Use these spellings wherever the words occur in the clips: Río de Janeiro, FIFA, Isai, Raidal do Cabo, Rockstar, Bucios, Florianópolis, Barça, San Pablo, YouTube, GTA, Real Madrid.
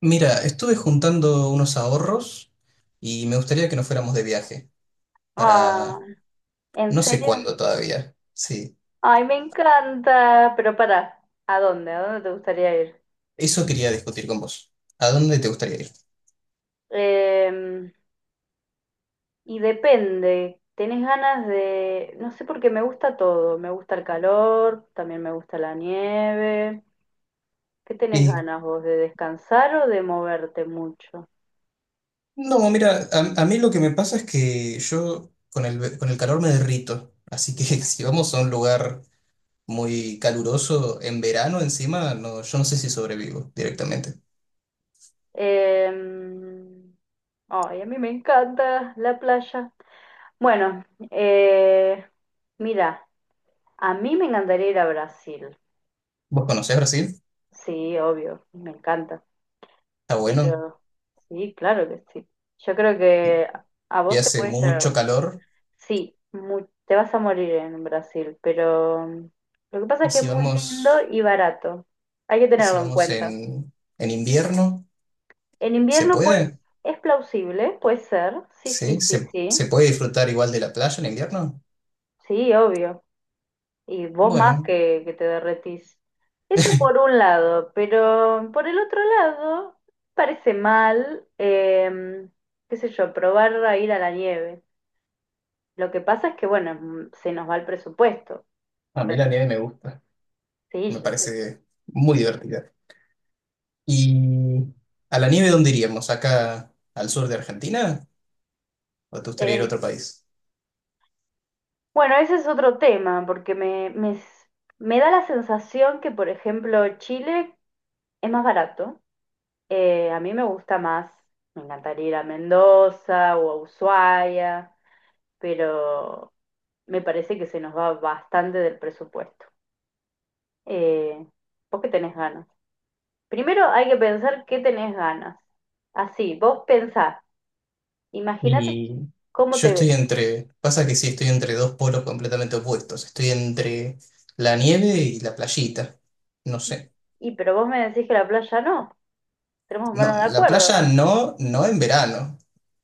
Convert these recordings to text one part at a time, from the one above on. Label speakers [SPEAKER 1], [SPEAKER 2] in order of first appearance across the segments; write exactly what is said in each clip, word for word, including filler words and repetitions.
[SPEAKER 1] Mira, estuve juntando unos ahorros y me gustaría que nos fuéramos de viaje
[SPEAKER 2] Ah,
[SPEAKER 1] para
[SPEAKER 2] ¿en
[SPEAKER 1] no sé
[SPEAKER 2] serio?
[SPEAKER 1] cuándo todavía. Sí,
[SPEAKER 2] Ay, me encanta. Pero para, ¿a dónde? ¿A dónde te gustaría ir?
[SPEAKER 1] eso quería discutir con vos. ¿A dónde te gustaría ir?
[SPEAKER 2] Em, y depende. ¿Tenés ganas de...? No sé, porque me gusta todo. Me gusta el calor, también me gusta la nieve. ¿Qué tenés
[SPEAKER 1] Y
[SPEAKER 2] ganas vos? ¿De descansar o de moverte mucho?
[SPEAKER 1] no, mira, a, a mí lo que me pasa es que yo con el, ve- con el calor me derrito, así que si vamos a un lugar muy caluroso en verano encima, no, yo no sé si sobrevivo directamente.
[SPEAKER 2] Em, Ay, a mí me encanta la playa. Bueno, eh, mira, a mí me encantaría ir a Brasil.
[SPEAKER 1] ¿Vos conocés Brasil?
[SPEAKER 2] Sí, obvio, me encanta.
[SPEAKER 1] Está bueno
[SPEAKER 2] Pero sí, claro que sí. Yo creo que a
[SPEAKER 1] y
[SPEAKER 2] vos te
[SPEAKER 1] hace
[SPEAKER 2] puede
[SPEAKER 1] mucho
[SPEAKER 2] llegar.
[SPEAKER 1] calor.
[SPEAKER 2] Sí, mu- te vas a morir en Brasil, pero mm, lo que pasa
[SPEAKER 1] ¿Y
[SPEAKER 2] es que es
[SPEAKER 1] si
[SPEAKER 2] muy lindo
[SPEAKER 1] vamos...
[SPEAKER 2] y barato. Hay que
[SPEAKER 1] ¿Y si
[SPEAKER 2] tenerlo en
[SPEAKER 1] vamos
[SPEAKER 2] cuenta.
[SPEAKER 1] en, en invierno?
[SPEAKER 2] En
[SPEAKER 1] ¿Se
[SPEAKER 2] invierno, pues,
[SPEAKER 1] puede?
[SPEAKER 2] es plausible, puede ser. Sí, sí,
[SPEAKER 1] ¿Sí?
[SPEAKER 2] sí,
[SPEAKER 1] ¿Se,
[SPEAKER 2] sí.
[SPEAKER 1] se puede disfrutar igual de la playa en invierno?
[SPEAKER 2] Sí, obvio. Y vos más
[SPEAKER 1] Bueno,
[SPEAKER 2] que, que te derretís. Eso por un lado, pero por el otro lado, parece mal, em, qué sé yo, probar a ir a la nieve. Lo que pasa es que, bueno, mm, se nos va el presupuesto
[SPEAKER 1] a
[SPEAKER 2] con
[SPEAKER 1] mí
[SPEAKER 2] las
[SPEAKER 1] la nieve me gusta. Me
[SPEAKER 2] sillas.
[SPEAKER 1] parece muy divertida. ¿Y a la nieve dónde iríamos? ¿Acá al sur de Argentina? ¿O te gustaría ir a
[SPEAKER 2] Eh,
[SPEAKER 1] otro país?
[SPEAKER 2] bueno, ese es otro tema, porque me, me, s- me da la sensación que, por ejemplo, Chile es más barato. Eh, a mí me gusta más, me encantaría ir a Mendoza o a Ushuaia pero me parece que se nos va bastante del presupuesto. Eh, ¿vos qué tenés ganas? Primero hay que pensar qué tenés ganas. Así, vos pensás, imagínate
[SPEAKER 1] Y
[SPEAKER 2] cómo
[SPEAKER 1] yo
[SPEAKER 2] te
[SPEAKER 1] estoy
[SPEAKER 2] ves.
[SPEAKER 1] entre... Pasa que sí, estoy entre dos polos completamente opuestos. Estoy entre la nieve y la playita. No sé.
[SPEAKER 2] Y pero vos me decís que la playa no, tenemos
[SPEAKER 1] No,
[SPEAKER 2] manos de
[SPEAKER 1] la
[SPEAKER 2] acuerdo.
[SPEAKER 1] playa no, no en verano.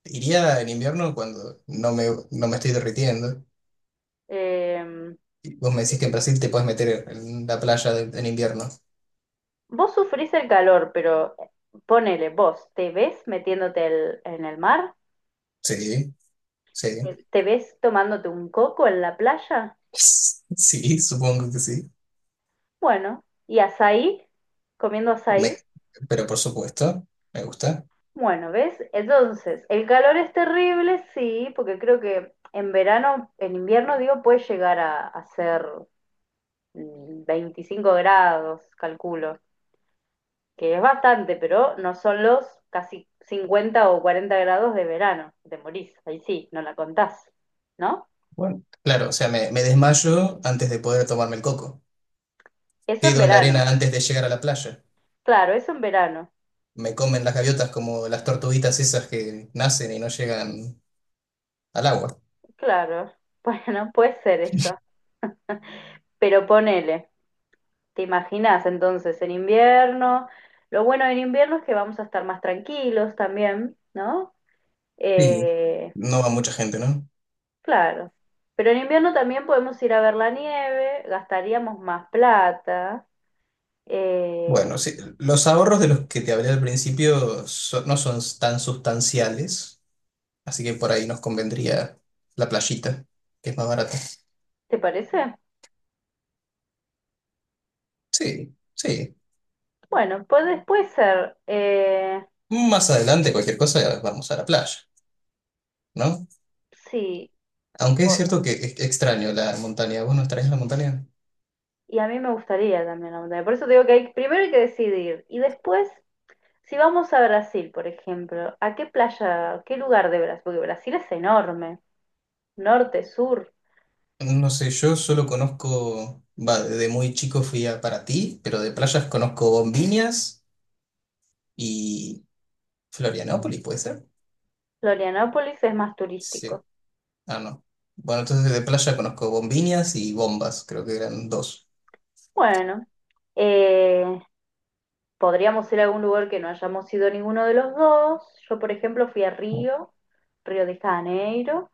[SPEAKER 1] Iría en invierno cuando no me, no me estoy derritiendo.
[SPEAKER 2] Eh,
[SPEAKER 1] Y vos me decís que en Brasil te puedes meter en la playa de- en invierno.
[SPEAKER 2] vos sufrís el calor, pero ponele, vos, ¿te ves metiéndote el- en el mar?
[SPEAKER 1] Sí,
[SPEAKER 2] ¿Te
[SPEAKER 1] sí.
[SPEAKER 2] te ves tomándote un coco en la playa?
[SPEAKER 1] Sí, supongo que sí.
[SPEAKER 2] Bueno, y azaí, comiendo
[SPEAKER 1] Me-
[SPEAKER 2] azaí.
[SPEAKER 1] pero por supuesto, me gusta.
[SPEAKER 2] Bueno, ¿ves? Entonces, el calor es terrible, sí, porque creo que en verano, en invierno, digo, puede llegar a, a ser mm, veinticinco grados, calculo, que es bastante, pero no son los casi cincuenta o cuarenta grados de verano, te morís, ahí sí, no la contás, ¿no?
[SPEAKER 1] Bueno, claro, o sea, me, me desmayo antes de poder tomarme el coco.
[SPEAKER 2] Eso en
[SPEAKER 1] Quedo en la
[SPEAKER 2] verano,
[SPEAKER 1] arena antes de llegar a la playa.
[SPEAKER 2] claro, eso en verano.
[SPEAKER 1] Me comen las gaviotas como las tortuguitas esas que nacen y no llegan al agua.
[SPEAKER 2] Claro, bueno, puede ser eso. Pero ponele, ¿te imaginas entonces en invierno? Lo bueno en invierno es que vamos a estar más tranquilos también, ¿no?
[SPEAKER 1] Sí,
[SPEAKER 2] Eh,
[SPEAKER 1] no va mucha gente, ¿no?
[SPEAKER 2] claro. Pero en invierno también podemos ir a ver la nieve, gastaríamos más plata.
[SPEAKER 1] Bueno,
[SPEAKER 2] Eh,
[SPEAKER 1] sí, los ahorros de los que te hablé al principio so- no son tan sustanciales, así que por ahí nos convendría la playita, que es más barata.
[SPEAKER 2] ¿te parece?
[SPEAKER 1] Sí, sí.
[SPEAKER 2] Bueno, puede, puede ser. eh,
[SPEAKER 1] Más adelante, cualquier cosa, vamos a la playa, ¿no?
[SPEAKER 2] sí,
[SPEAKER 1] Aunque es cierto que es extraño la montaña. ¿Vos no extrañas la montaña?
[SPEAKER 2] y a mí me gustaría también la montaña. Por eso te digo que hay, primero hay que decidir. Y después, si vamos a Brasil, por ejemplo, ¿a qué playa, qué lugar de Brasil? Porque Brasil es enorme. Norte, sur.
[SPEAKER 1] No sé, yo solo conozco, va, desde muy chico fui a Paraty, pero de playas conozco Bombiñas y Florianópolis, ¿puede ser?
[SPEAKER 2] Florianópolis es más
[SPEAKER 1] Sí.
[SPEAKER 2] turístico.
[SPEAKER 1] Ah, no. Bueno, entonces de playa conozco Bombiñas y Bombas, creo que eran dos.
[SPEAKER 2] Bueno, eh, podríamos ir a algún lugar que no hayamos ido ninguno de los dos. Yo, por ejemplo, fui a Río, Río de Janeiro.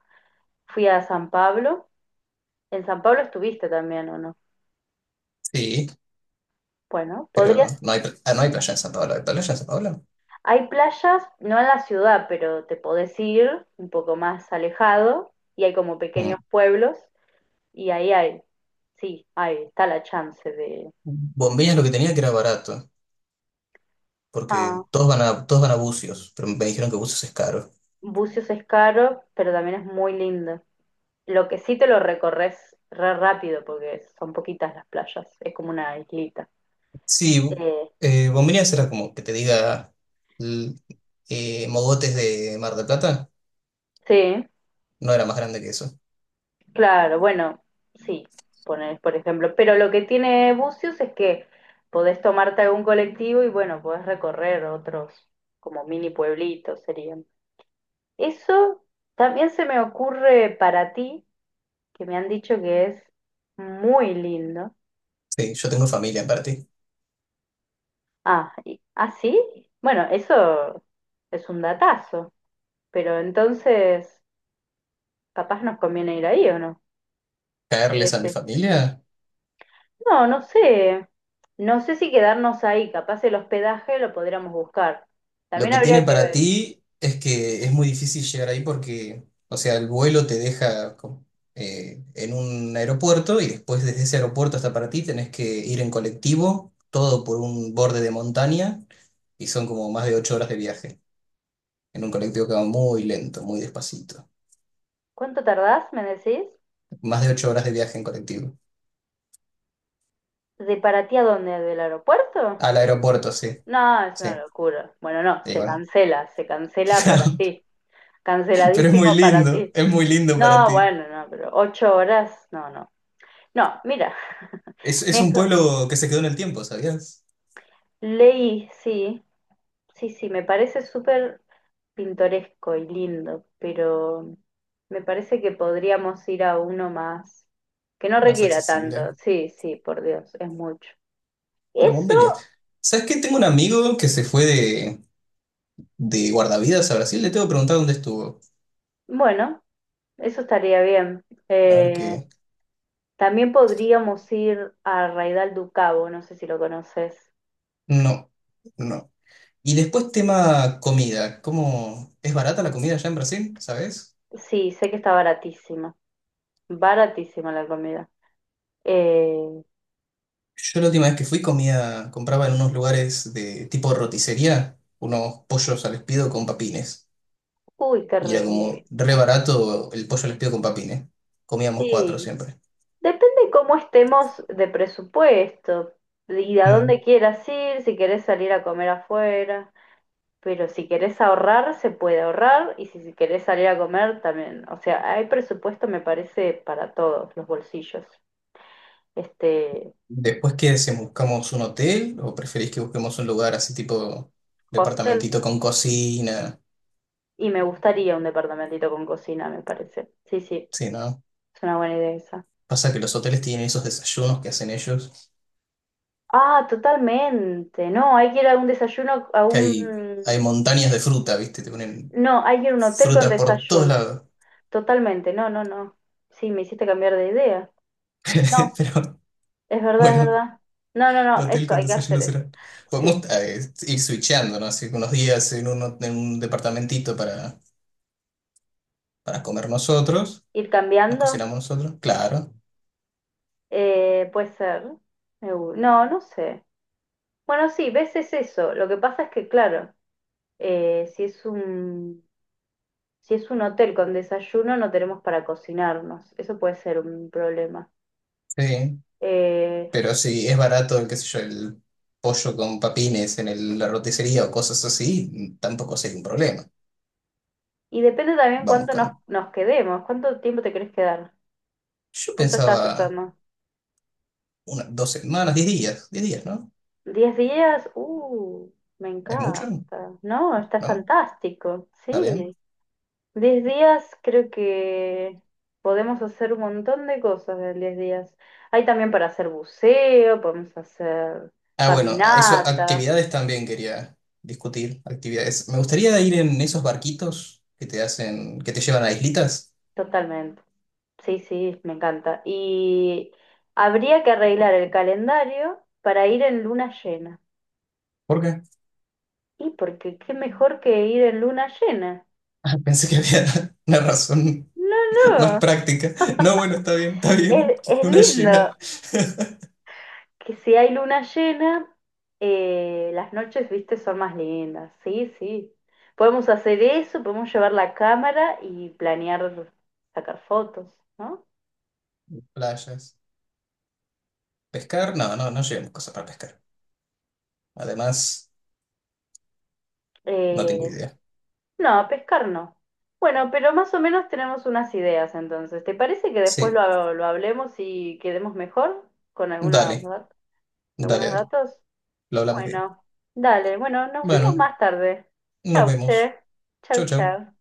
[SPEAKER 2] Fui a San Pablo. En San Pablo estuviste también, ¿o no?
[SPEAKER 1] Sí,
[SPEAKER 2] Bueno,
[SPEAKER 1] pero
[SPEAKER 2] podrías.
[SPEAKER 1] no hay, pla- ah, no hay playa en San Pablo. ¿Hay playa en San Pablo?
[SPEAKER 2] Hay playas, no en la ciudad, pero te podés ir un poco más alejado y hay como
[SPEAKER 1] Mm.
[SPEAKER 2] pequeños pueblos y ahí hay, sí, ahí está la chance de...
[SPEAKER 1] Bombiñas
[SPEAKER 2] de-
[SPEAKER 1] lo que tenía que era barato,
[SPEAKER 2] Ah,
[SPEAKER 1] porque todos van a, todos van a Bucios, pero me dijeron que Bucios es caro.
[SPEAKER 2] Bucios es caro, pero también es muy lindo. Lo que sí te lo recorres re rápido porque son poquitas las playas, es como una islita.
[SPEAKER 1] Sí, bu-
[SPEAKER 2] Eh,
[SPEAKER 1] eh, bombiñas era como que te diga l- eh, mogotes de Mar del Plata,
[SPEAKER 2] sí,
[SPEAKER 1] no era más grande que eso.
[SPEAKER 2] claro, bueno, sí, poner, por ejemplo. Pero lo que tiene Bucios es que podés tomarte algún colectivo y bueno, podés recorrer otros como mini pueblitos serían. Eso también se me ocurre para ti, que me han dicho que es muy lindo.
[SPEAKER 1] Sí, yo tengo familia en ti.
[SPEAKER 2] Ah, y- ¿ah, sí? Bueno, eso es un datazo, pero entonces capaz nos conviene ir ahí o no.
[SPEAKER 1] ¿Caerles a mi familia?
[SPEAKER 2] No, no sé. No sé si quedarnos ahí. Capaz el hospedaje lo podríamos buscar.
[SPEAKER 1] Lo
[SPEAKER 2] También
[SPEAKER 1] que tiene
[SPEAKER 2] habría que
[SPEAKER 1] para
[SPEAKER 2] ver.
[SPEAKER 1] ti es que es muy difícil llegar ahí porque, o sea, el vuelo te deja co- eh, en un aeropuerto y después desde ese aeropuerto hasta para ti tenés que ir en colectivo, todo por un borde de montaña y son como más de ocho horas de viaje en un colectivo que va muy lento, muy despacito.
[SPEAKER 2] ¿Cuánto tardás, me decís?
[SPEAKER 1] Más de ocho horas de viaje en colectivo.
[SPEAKER 2] ¿De para ti a dónde? ¿Del aeropuerto?
[SPEAKER 1] Al aeropuerto, sí,
[SPEAKER 2] No, es una
[SPEAKER 1] sí.
[SPEAKER 2] locura. Bueno, no,
[SPEAKER 1] Y
[SPEAKER 2] se
[SPEAKER 1] bueno,
[SPEAKER 2] cancela, se cancela para ti.
[SPEAKER 1] pero es muy
[SPEAKER 2] Canceladísimo para
[SPEAKER 1] lindo,
[SPEAKER 2] ti.
[SPEAKER 1] es muy lindo para
[SPEAKER 2] No,
[SPEAKER 1] ti.
[SPEAKER 2] bueno, no, pero ocho horas, no, no. No, mira,
[SPEAKER 1] Es, es un
[SPEAKER 2] mejor.
[SPEAKER 1] pueblo que se quedó en el tiempo, ¿sabías?
[SPEAKER 2] Leí, sí, sí, sí, me parece súper pintoresco y lindo, pero me parece que podríamos ir a uno más, que no
[SPEAKER 1] Más
[SPEAKER 2] requiera tanto.
[SPEAKER 1] accesible.
[SPEAKER 2] Sí, sí, por Dios, es mucho.
[SPEAKER 1] Bueno, vos,
[SPEAKER 2] Eso,
[SPEAKER 1] ¿sabes qué? Tengo un amigo que se fue de, de guardavidas a Brasil. Le tengo que preguntar dónde estuvo.
[SPEAKER 2] bueno, eso estaría bien.
[SPEAKER 1] A ver
[SPEAKER 2] Eh,
[SPEAKER 1] qué.
[SPEAKER 2] también podríamos ir a Raidal do Cabo, no sé si lo conoces.
[SPEAKER 1] No, no. Y después tema comida. ¿Cómo es barata la comida allá en Brasil? ¿Sabes?
[SPEAKER 2] Sí, sé que está baratísima, baratísima la comida. Eh,
[SPEAKER 1] Yo la última vez que fui comía, compraba en unos lugares de tipo roticería unos pollos al espiedo con papines.
[SPEAKER 2] uy, qué
[SPEAKER 1] Y era como
[SPEAKER 2] rico.
[SPEAKER 1] re barato el pollo al espiedo con papines. Comíamos cuatro
[SPEAKER 2] Sí,
[SPEAKER 1] siempre.
[SPEAKER 2] depende cómo estemos de presupuesto y a dónde quieras ir, si querés salir a comer afuera, pero si querés ahorrar, se puede ahorrar y si si querés salir a comer también. O sea, hay presupuesto, me parece, para todos los bolsillos. Este
[SPEAKER 1] Después que si buscamos un hotel o preferís que busquemos un lugar así tipo
[SPEAKER 2] hostel
[SPEAKER 1] departamentito con cocina,
[SPEAKER 2] y me gustaría un departamentito con cocina, me parece. Sí, sí,
[SPEAKER 1] sí, ¿no?
[SPEAKER 2] es una buena idea esa.
[SPEAKER 1] Pasa que los hoteles tienen esos desayunos que hacen ellos,
[SPEAKER 2] Ah, totalmente. No, hay que ir a un desayuno, a
[SPEAKER 1] que hay,
[SPEAKER 2] un...
[SPEAKER 1] hay montañas de fruta, ¿viste? Te ponen
[SPEAKER 2] No, hay que ir a un hotel con
[SPEAKER 1] fruta por todos
[SPEAKER 2] desayuno.
[SPEAKER 1] lados.
[SPEAKER 2] Totalmente, no, no, no. Sí, me hiciste cambiar de idea. No,
[SPEAKER 1] Pero
[SPEAKER 2] es verdad, es
[SPEAKER 1] bueno,
[SPEAKER 2] verdad. No, no, no,
[SPEAKER 1] hotel
[SPEAKER 2] eso,
[SPEAKER 1] con
[SPEAKER 2] hay que
[SPEAKER 1] desayuno
[SPEAKER 2] hacer eso.
[SPEAKER 1] será.
[SPEAKER 2] Sí,
[SPEAKER 1] Podemos eh, ir switchando, ¿no? Así que unos días en un, en un departamentito para, para comer nosotros,
[SPEAKER 2] ir
[SPEAKER 1] nos
[SPEAKER 2] cambiando,
[SPEAKER 1] cocinamos nosotros, claro,
[SPEAKER 2] eh, puede ser. Me gu- No, no sé. Bueno, sí, ves, es eso. Lo que pasa es que, claro, eh, si es un, si es un hotel con desayuno, no tenemos para cocinarnos. Eso puede ser un problema.
[SPEAKER 1] sí.
[SPEAKER 2] Eh,
[SPEAKER 1] Pero si es barato, qué sé yo, el pollo con papines en el- la roticería o cosas así, tampoco sería un problema.
[SPEAKER 2] y depende también
[SPEAKER 1] Vamos
[SPEAKER 2] cuánto nos,
[SPEAKER 1] con...
[SPEAKER 2] nos quedemos, cuánto tiempo te querés quedar.
[SPEAKER 1] Yo
[SPEAKER 2] ¿Cuánto estás
[SPEAKER 1] pensaba
[SPEAKER 2] pensando?
[SPEAKER 1] unas dos semanas, diez días, diez días, ¿no?
[SPEAKER 2] Diez días, uh, me
[SPEAKER 1] ¿Es mucho?
[SPEAKER 2] encanta. No, está
[SPEAKER 1] ¿No?
[SPEAKER 2] fantástico,
[SPEAKER 1] ¿Está
[SPEAKER 2] sí.
[SPEAKER 1] bien?
[SPEAKER 2] Diez días creo que podemos hacer un montón de cosas en diez días. Hay también para hacer buceo, podemos hacer
[SPEAKER 1] Ah, bueno, eso,
[SPEAKER 2] caminatas,
[SPEAKER 1] actividades también quería discutir, actividades. Me gustaría ir en esos barquitos que te hacen, que te llevan a islitas.
[SPEAKER 2] totalmente. Sí, sí, me encanta. Y habría que arreglar el calendario para ir en luna llena.
[SPEAKER 1] ¿Por qué?
[SPEAKER 2] Y porque qué mejor que ir en luna llena.
[SPEAKER 1] Ah, pensé que había una razón
[SPEAKER 2] No,
[SPEAKER 1] más
[SPEAKER 2] no,
[SPEAKER 1] práctica. No, bueno, está bien, está
[SPEAKER 2] es,
[SPEAKER 1] bien.
[SPEAKER 2] es
[SPEAKER 1] Luna
[SPEAKER 2] lindo.
[SPEAKER 1] llena,
[SPEAKER 2] Que si hay luna llena, eh, las noches, viste, son más lindas. Sí, sí. Podemos hacer eso, podemos llevar la cámara y planear sacar fotos, ¿no?
[SPEAKER 1] playas. ¿Pescar? No, no, no llevamos cosas para pescar. Además, no tengo
[SPEAKER 2] Eh,
[SPEAKER 1] idea.
[SPEAKER 2] no, a pescar no. Bueno, pero más o menos tenemos unas ideas entonces. ¿Te parece que después
[SPEAKER 1] Sí,
[SPEAKER 2] lo, lo hablemos y quedemos mejor con algunas,
[SPEAKER 1] dale,
[SPEAKER 2] dat-
[SPEAKER 1] dale,
[SPEAKER 2] algunos
[SPEAKER 1] dale.
[SPEAKER 2] datos?
[SPEAKER 1] Lo hablamos bien.
[SPEAKER 2] Bueno, dale, bueno, nos vemos
[SPEAKER 1] Bueno,
[SPEAKER 2] más tarde.
[SPEAKER 1] nos
[SPEAKER 2] Chau,
[SPEAKER 1] vemos.
[SPEAKER 2] che.
[SPEAKER 1] Chau,
[SPEAKER 2] Chau,
[SPEAKER 1] chau.
[SPEAKER 2] chau.